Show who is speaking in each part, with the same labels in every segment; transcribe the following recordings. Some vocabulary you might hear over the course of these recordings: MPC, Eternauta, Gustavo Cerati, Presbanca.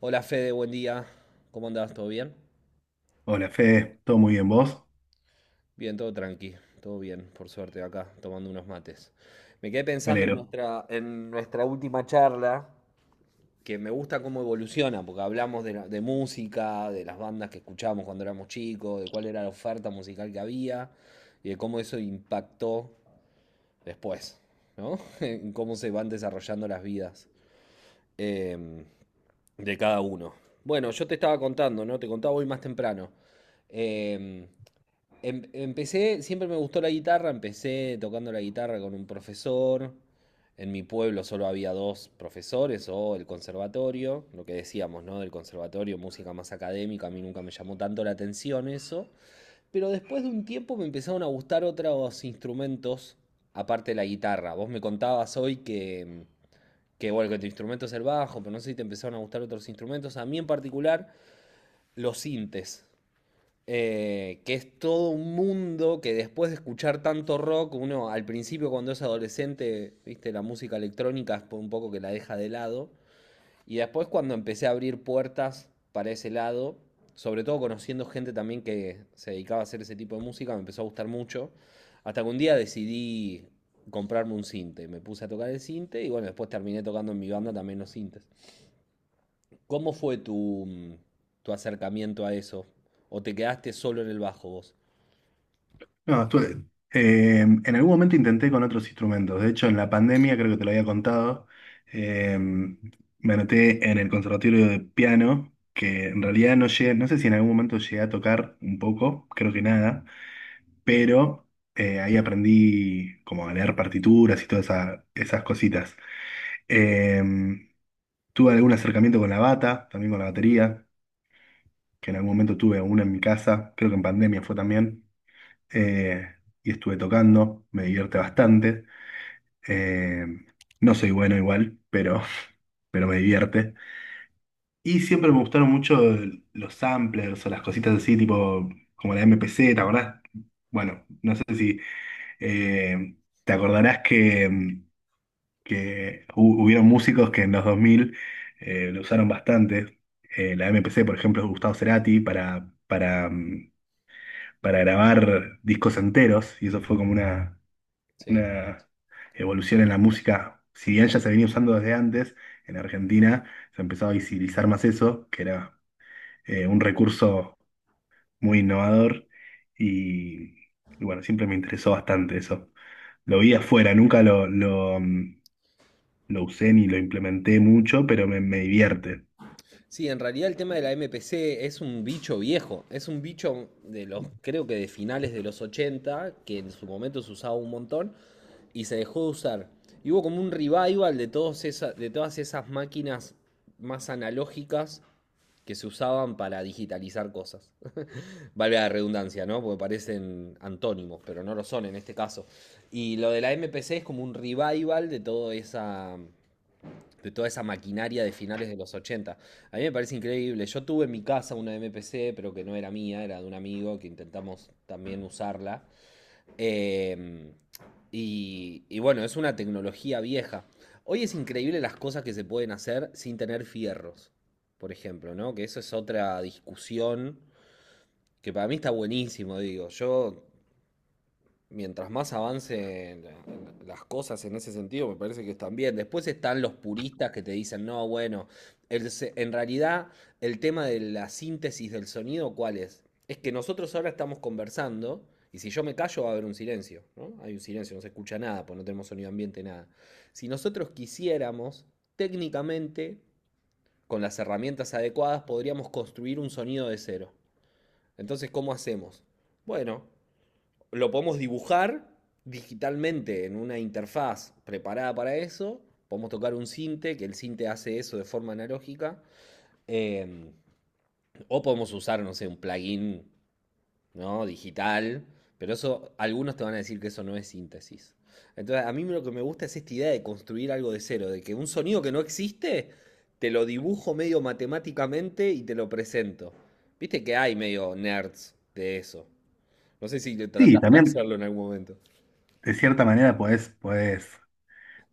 Speaker 1: Hola Fede, buen día. ¿Cómo andás? ¿Todo bien?
Speaker 2: Hola, Fede, ¿todo muy bien vos?
Speaker 1: Bien, todo tranqui, todo bien, por suerte, acá tomando unos mates. Me quedé
Speaker 2: Me
Speaker 1: pensando en
Speaker 2: alegro.
Speaker 1: en nuestra última charla, que me gusta cómo evoluciona, porque hablamos de, de música, de las bandas que escuchábamos cuando éramos chicos, de cuál era la oferta musical que había y de cómo eso impactó después, ¿no? En cómo se van desarrollando las vidas em, de cada uno. Bueno, yo te estaba contando, ¿no? Te contaba hoy más temprano. em, Empecé, siempre me gustó la guitarra, empecé tocando la guitarra con un profesor. En mi pueblo solo había dos profesores o el conservatorio, lo que decíamos, ¿no? Del conservatorio, música más académica, a mí nunca me llamó tanto la atención eso. Pero después de un tiempo me empezaron a gustar otros instrumentos aparte de la guitarra. Vos me contabas hoy que bueno, que tu instrumento es el bajo, pero no sé si te empezaron a gustar otros instrumentos. A mí en particular, los sintes que es todo un mundo que después de escuchar tanto rock, uno al principio cuando es adolescente, viste, la música electrónica es un poco que la deja de lado, y después cuando empecé a abrir puertas para ese lado, sobre todo conociendo gente también que se dedicaba a hacer ese tipo de música, me empezó a gustar mucho, hasta que un día decidí comprarme un cinte, me puse a tocar el cinte y bueno, después terminé tocando en mi banda también los cintes. ¿Cómo fue tu acercamiento a eso? ¿O te quedaste solo en el bajo vos?
Speaker 2: No, en algún momento intenté con otros instrumentos. De hecho, en la pandemia, creo que te lo había contado, eh, me anoté en el conservatorio de piano, que en realidad no llegué, no sé si en algún momento llegué a tocar un poco, creo que nada, pero ahí aprendí como a leer partituras y todas esas cositas. Eh, Tuve algún acercamiento con la bata, también con la batería, que en algún momento tuve una en mi casa, creo que en pandemia fue también. eh, y estuve tocando, me divierte bastante. Eh, no soy bueno igual, pero, pero me divierte. Y siempre me gustaron mucho los samplers o las cositas así, tipo como la M P C, ¿te acordás? Bueno, no sé si eh, te acordarás que, que hubieron músicos que en los 2000 lo usaron bastante. La M P C por ejemplo, Gustavo Cerati para para grabar discos enteros, y eso fue como
Speaker 1: Sí.
Speaker 2: una evolución en la música, si bien ya se venía usando desde antes, en Argentina se empezó a visibilizar más eso, que era un recurso muy innovador y, y bueno, siempre me interesó bastante eso. Lo vi afuera, nunca lo usé ni lo implementé mucho, pero me divierte.
Speaker 1: Sí, en realidad el tema de la MPC es un bicho viejo. Es un bicho de los, creo que de finales de los 80 que en su momento se usaba un montón y se dejó de usar. Y hubo como un revival de, de todas esas máquinas más analógicas que se usaban para digitalizar cosas. Vale la redundancia, ¿no? Porque parecen antónimos, pero no lo son en este caso. Y lo de la MPC es como un revival de toda esa maquinaria de finales de los ochenta. A mí me parece increíble. Yo tuve en mi casa una MPC, pero que no era mía, era de un amigo que intentamos también usarla. Eh, y, y bueno, es una tecnología vieja. Hoy es increíble las cosas que se pueden hacer sin tener fierros, por ejemplo, ¿no? Que eso es otra discusión que para mí está buenísimo, digo. Yo mientras más avancen las cosas en ese sentido, me parece que están bien. Después están los puristas que te dicen, no, bueno, en realidad el tema de la síntesis del sonido, ¿cuál es? Es que nosotros ahora estamos conversando y si yo me callo va a haber un silencio, ¿no? Hay un silencio, no se escucha nada, pues no tenemos sonido ambiente, nada. Si nosotros quisiéramos, técnicamente, con las herramientas adecuadas, podríamos construir un sonido de cero. Entonces, ¿cómo hacemos? Bueno, lo podemos dibujar digitalmente en una interfaz preparada para eso. Podemos tocar un sinte, que el sinte hace eso de forma analógica. eh, o podemos usar, no sé, un plugin, ¿no? Digital. Pero eso, algunos te van a decir que eso no es síntesis. Entonces, a mí lo que me gusta es esta idea de construir algo de cero, de que un sonido que no existe, te lo dibujo medio matemáticamente y te lo presento. Viste que hay medio nerds de eso. No sé si
Speaker 2: Sí,
Speaker 1: trataste de
Speaker 2: también
Speaker 1: hacerlo en algún momento.
Speaker 2: de cierta manera podés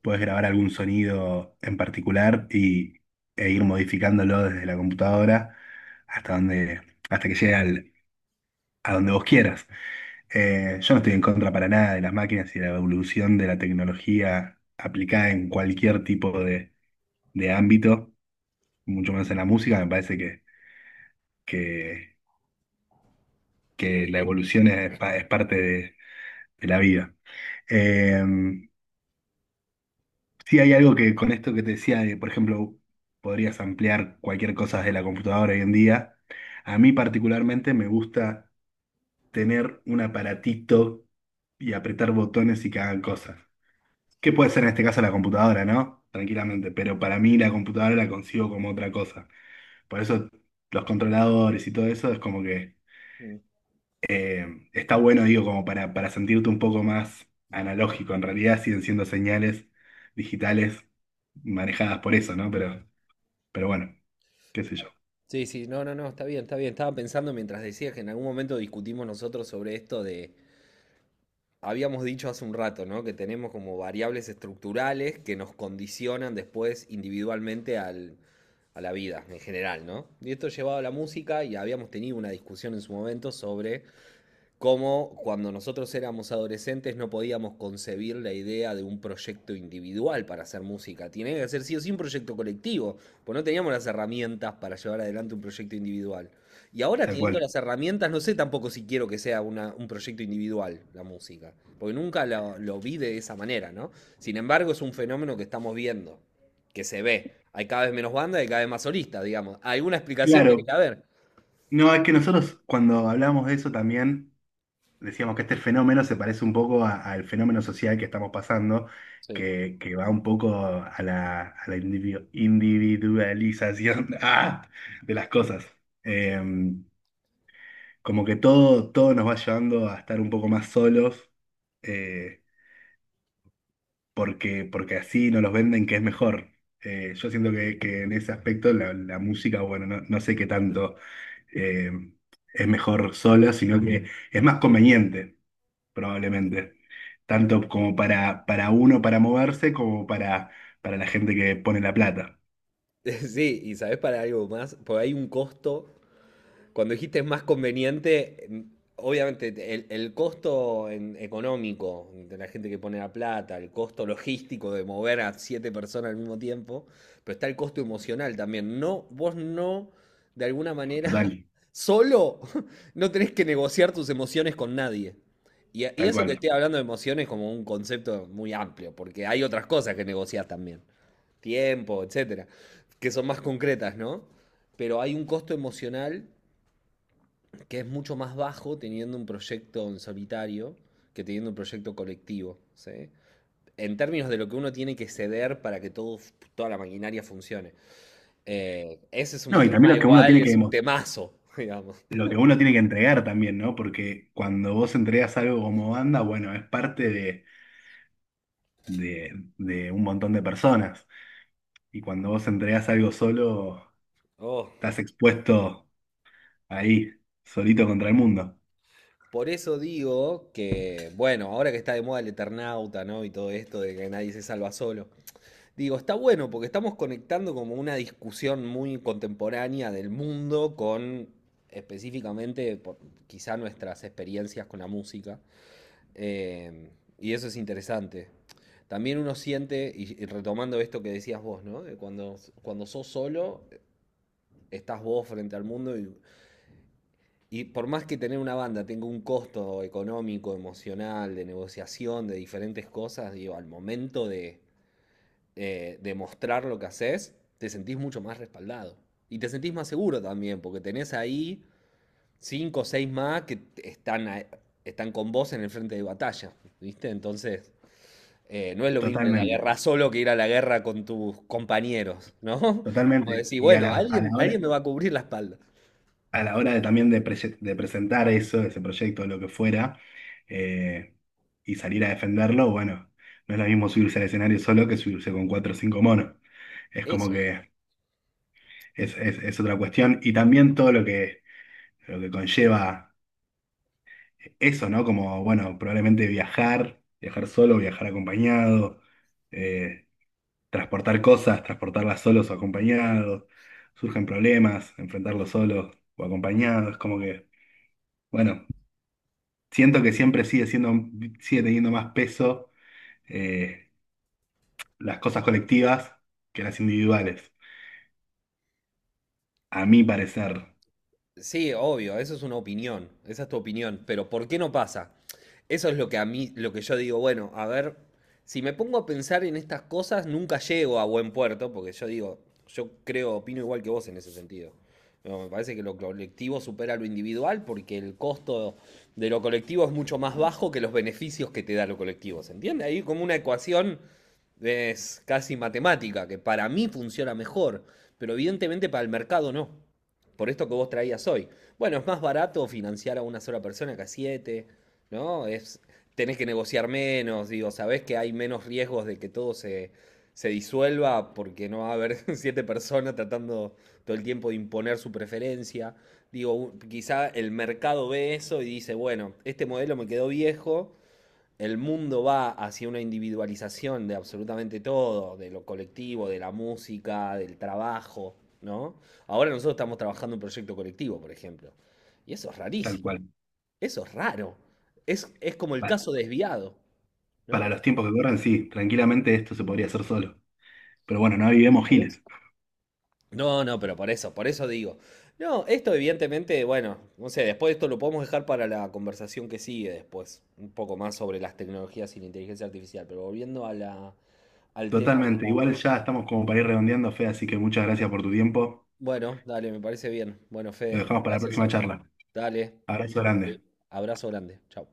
Speaker 2: puedes grabar algún sonido en particular y, e ir modificándolo desde la computadora hasta donde, hasta que llegue a donde vos quieras. Yo no estoy en contra para nada de las máquinas y de la evolución de la tecnología aplicada en cualquier tipo de ámbito, mucho menos en la música. Me parece que, que la evolución es, es parte de la vida. Eh, Sí, hay algo que con esto que te decía, de, por ejemplo, podrías ampliar cualquier cosa de la computadora hoy en día. A mí particularmente me gusta tener un aparatito y apretar botones y que hagan cosas. Que puede ser en este caso la computadora, ¿no? Tranquilamente, pero para mí la computadora la consigo como otra cosa. Por eso los controladores y todo eso es como que
Speaker 1: Mm.
Speaker 2: está bueno, digo, como para sentirte un poco más analógico. En realidad siguen siendo señales digitales manejadas por eso, ¿no? Pero bueno, qué sé yo,
Speaker 1: Sí, sí, no, no, no, está bien, está bien. Estaba pensando mientras decías que en algún momento discutimos nosotros sobre esto de, habíamos dicho hace un rato, ¿no? Que tenemos como variables estructurales que nos condicionan después individualmente al, a la vida en general, ¿no? Y esto llevado a la música y habíamos tenido una discusión en su momento sobre como cuando nosotros éramos adolescentes no podíamos concebir la idea de un proyecto individual para hacer música. Tiene que ser sí o sí un proyecto colectivo, pues no teníamos las herramientas para llevar adelante un proyecto individual. Y ahora
Speaker 2: tal
Speaker 1: teniendo
Speaker 2: cual.
Speaker 1: las herramientas, no sé tampoco si quiero que sea un proyecto individual la música, porque nunca lo vi de esa manera, ¿no? Sin embargo, es un fenómeno que estamos viendo, que se ve. Hay cada vez menos bandas y cada vez más solistas, digamos. Alguna explicación tiene que
Speaker 2: Claro,
Speaker 1: haber.
Speaker 2: no, es que nosotros cuando hablamos de eso también decíamos que este fenómeno se parece un poco al fenómeno social que estamos pasando,
Speaker 1: Sí.
Speaker 2: que va un poco a a la individualización ¡ah! De las cosas. Eh, Como que todo, todo nos va llevando a estar un poco más solos, eh, porque, porque así nos los venden que es mejor. Yo siento que en ese aspecto la música, bueno, no, no sé qué tanto. eh, es mejor sola, sino que es más conveniente, probablemente, tanto como para uno para moverse como para la gente que pone la plata.
Speaker 1: Sí, y sabes para algo más, porque hay un costo. Cuando dijiste es más conveniente, obviamente el costo económico de la gente que pone la plata, el costo logístico de mover a siete personas al mismo tiempo, pero está el costo emocional también. No, vos no, de alguna manera,
Speaker 2: Total,
Speaker 1: solo no tenés que negociar tus emociones con nadie. Y
Speaker 2: tal
Speaker 1: eso que
Speaker 2: cual.
Speaker 1: estoy hablando de emociones como un concepto muy amplio, porque hay otras cosas que negociar también, tiempo, etcétera, que son más concretas, ¿no? Pero hay un costo emocional que es mucho más bajo teniendo un proyecto en solitario que teniendo un proyecto colectivo, ¿sí? En términos de lo que uno tiene que ceder para que todo, toda la maquinaria funcione. Ese es un
Speaker 2: No, y también
Speaker 1: tema
Speaker 2: lo que uno
Speaker 1: igual,
Speaker 2: tiene que
Speaker 1: es un temazo, digamos.
Speaker 2: lo que uno tiene que entregar también, ¿no? Porque cuando vos entregas algo como banda, bueno, es parte de, de un montón de personas. Y cuando vos entregas algo solo,
Speaker 1: Oh,
Speaker 2: estás expuesto ahí, solito contra el mundo.
Speaker 1: por eso digo que, bueno, ahora que está de moda el Eternauta, ¿no? Y todo esto de que nadie se salva solo. Digo, está bueno porque estamos conectando como una discusión muy contemporánea del mundo con específicamente por- quizá nuestras experiencias con la música. Eh, y eso es interesante. También uno siente, y retomando esto que decías vos, ¿no? De cuando sos solo, estás vos frente al mundo y por más que tener una banda tenga un costo económico, emocional, de negociación, de diferentes cosas, digo, al momento de demostrar lo que haces, te sentís mucho más respaldado. Y te sentís más seguro también, porque tenés ahí cinco o seis más que están, están con vos en el frente de batalla, ¿viste? Entonces, no es lo mismo ir a la
Speaker 2: Totalmente.
Speaker 1: guerra solo que ir a la guerra con tus compañeros, ¿no? Como
Speaker 2: Totalmente.
Speaker 1: decir,
Speaker 2: Y a
Speaker 1: bueno, alguien, alguien me va a cubrir la espalda.
Speaker 2: a la hora de también de, de presentar eso, ese proyecto, lo que fuera, eh, y salir a defenderlo, bueno, no es lo mismo subirse al escenario solo que subirse con cuatro o cinco monos. Es como
Speaker 1: Eso, digo.
Speaker 2: que es otra cuestión. Y también todo lo que conlleva eso, ¿no? Como, bueno, probablemente viajar, viajar solo, viajar acompañado. eh, Transportar cosas, transportarlas solos o acompañados, surgen problemas, enfrentarlos solos o acompañados, como que, bueno, siento que siempre sigue siendo, sigue teniendo más peso eh, las cosas colectivas que las individuales, a mi parecer,
Speaker 1: Sí, obvio, eso es una opinión, esa es tu opinión, pero ¿por qué no pasa? Eso es lo que a mí, lo que yo digo, bueno, a ver, si me pongo a pensar en estas cosas, nunca llego a buen puerto, porque yo digo, yo creo, opino igual que vos en ese sentido. No, me parece que lo colectivo supera lo individual porque el costo de lo colectivo es mucho más bajo que los beneficios que te da lo colectivo, ¿se entiende? Ahí como una ecuación es casi matemática, que para mí funciona mejor, pero evidentemente para el mercado no, por esto que vos traías hoy. Bueno, es más barato financiar a una sola persona que a siete, ¿no? Es, tenés que negociar menos, digo, sabés que hay menos riesgos de que todo se, se disuelva porque no va a haber siete personas tratando todo el tiempo de imponer su preferencia. Digo, quizá el mercado ve eso y dice, bueno, este modelo me quedó viejo, el mundo va hacia una individualización de absolutamente todo, de lo colectivo, de la música, del trabajo, ¿no? Ahora nosotros estamos trabajando un proyecto colectivo, por ejemplo. Y eso es
Speaker 2: tal
Speaker 1: rarísimo,
Speaker 2: cual.
Speaker 1: eso es raro. Es como el
Speaker 2: Pa-
Speaker 1: caso desviado,
Speaker 2: Para
Speaker 1: ¿no?
Speaker 2: los tiempos que corren, sí, tranquilamente esto se podría hacer solo. Pero bueno, no vivimos
Speaker 1: Por eso.
Speaker 2: giles.
Speaker 1: No, no, pero por eso digo. No, esto evidentemente, bueno, no sé, después esto lo podemos dejar para la conversación que sigue después, un poco más sobre las tecnologías y la inteligencia artificial, pero volviendo a la, al tema de
Speaker 2: Totalmente.
Speaker 1: la...
Speaker 2: Igual ya estamos como para ir redondeando, Fe, así que muchas gracias por tu tiempo.
Speaker 1: Bueno, dale, me parece bien. Bueno,
Speaker 2: Lo
Speaker 1: Fede,
Speaker 2: dejamos para la
Speaker 1: gracias a
Speaker 2: próxima
Speaker 1: vos.
Speaker 2: charla.
Speaker 1: Dale.
Speaker 2: Abrazo grande.
Speaker 1: Sí. Abrazo grande. Chao.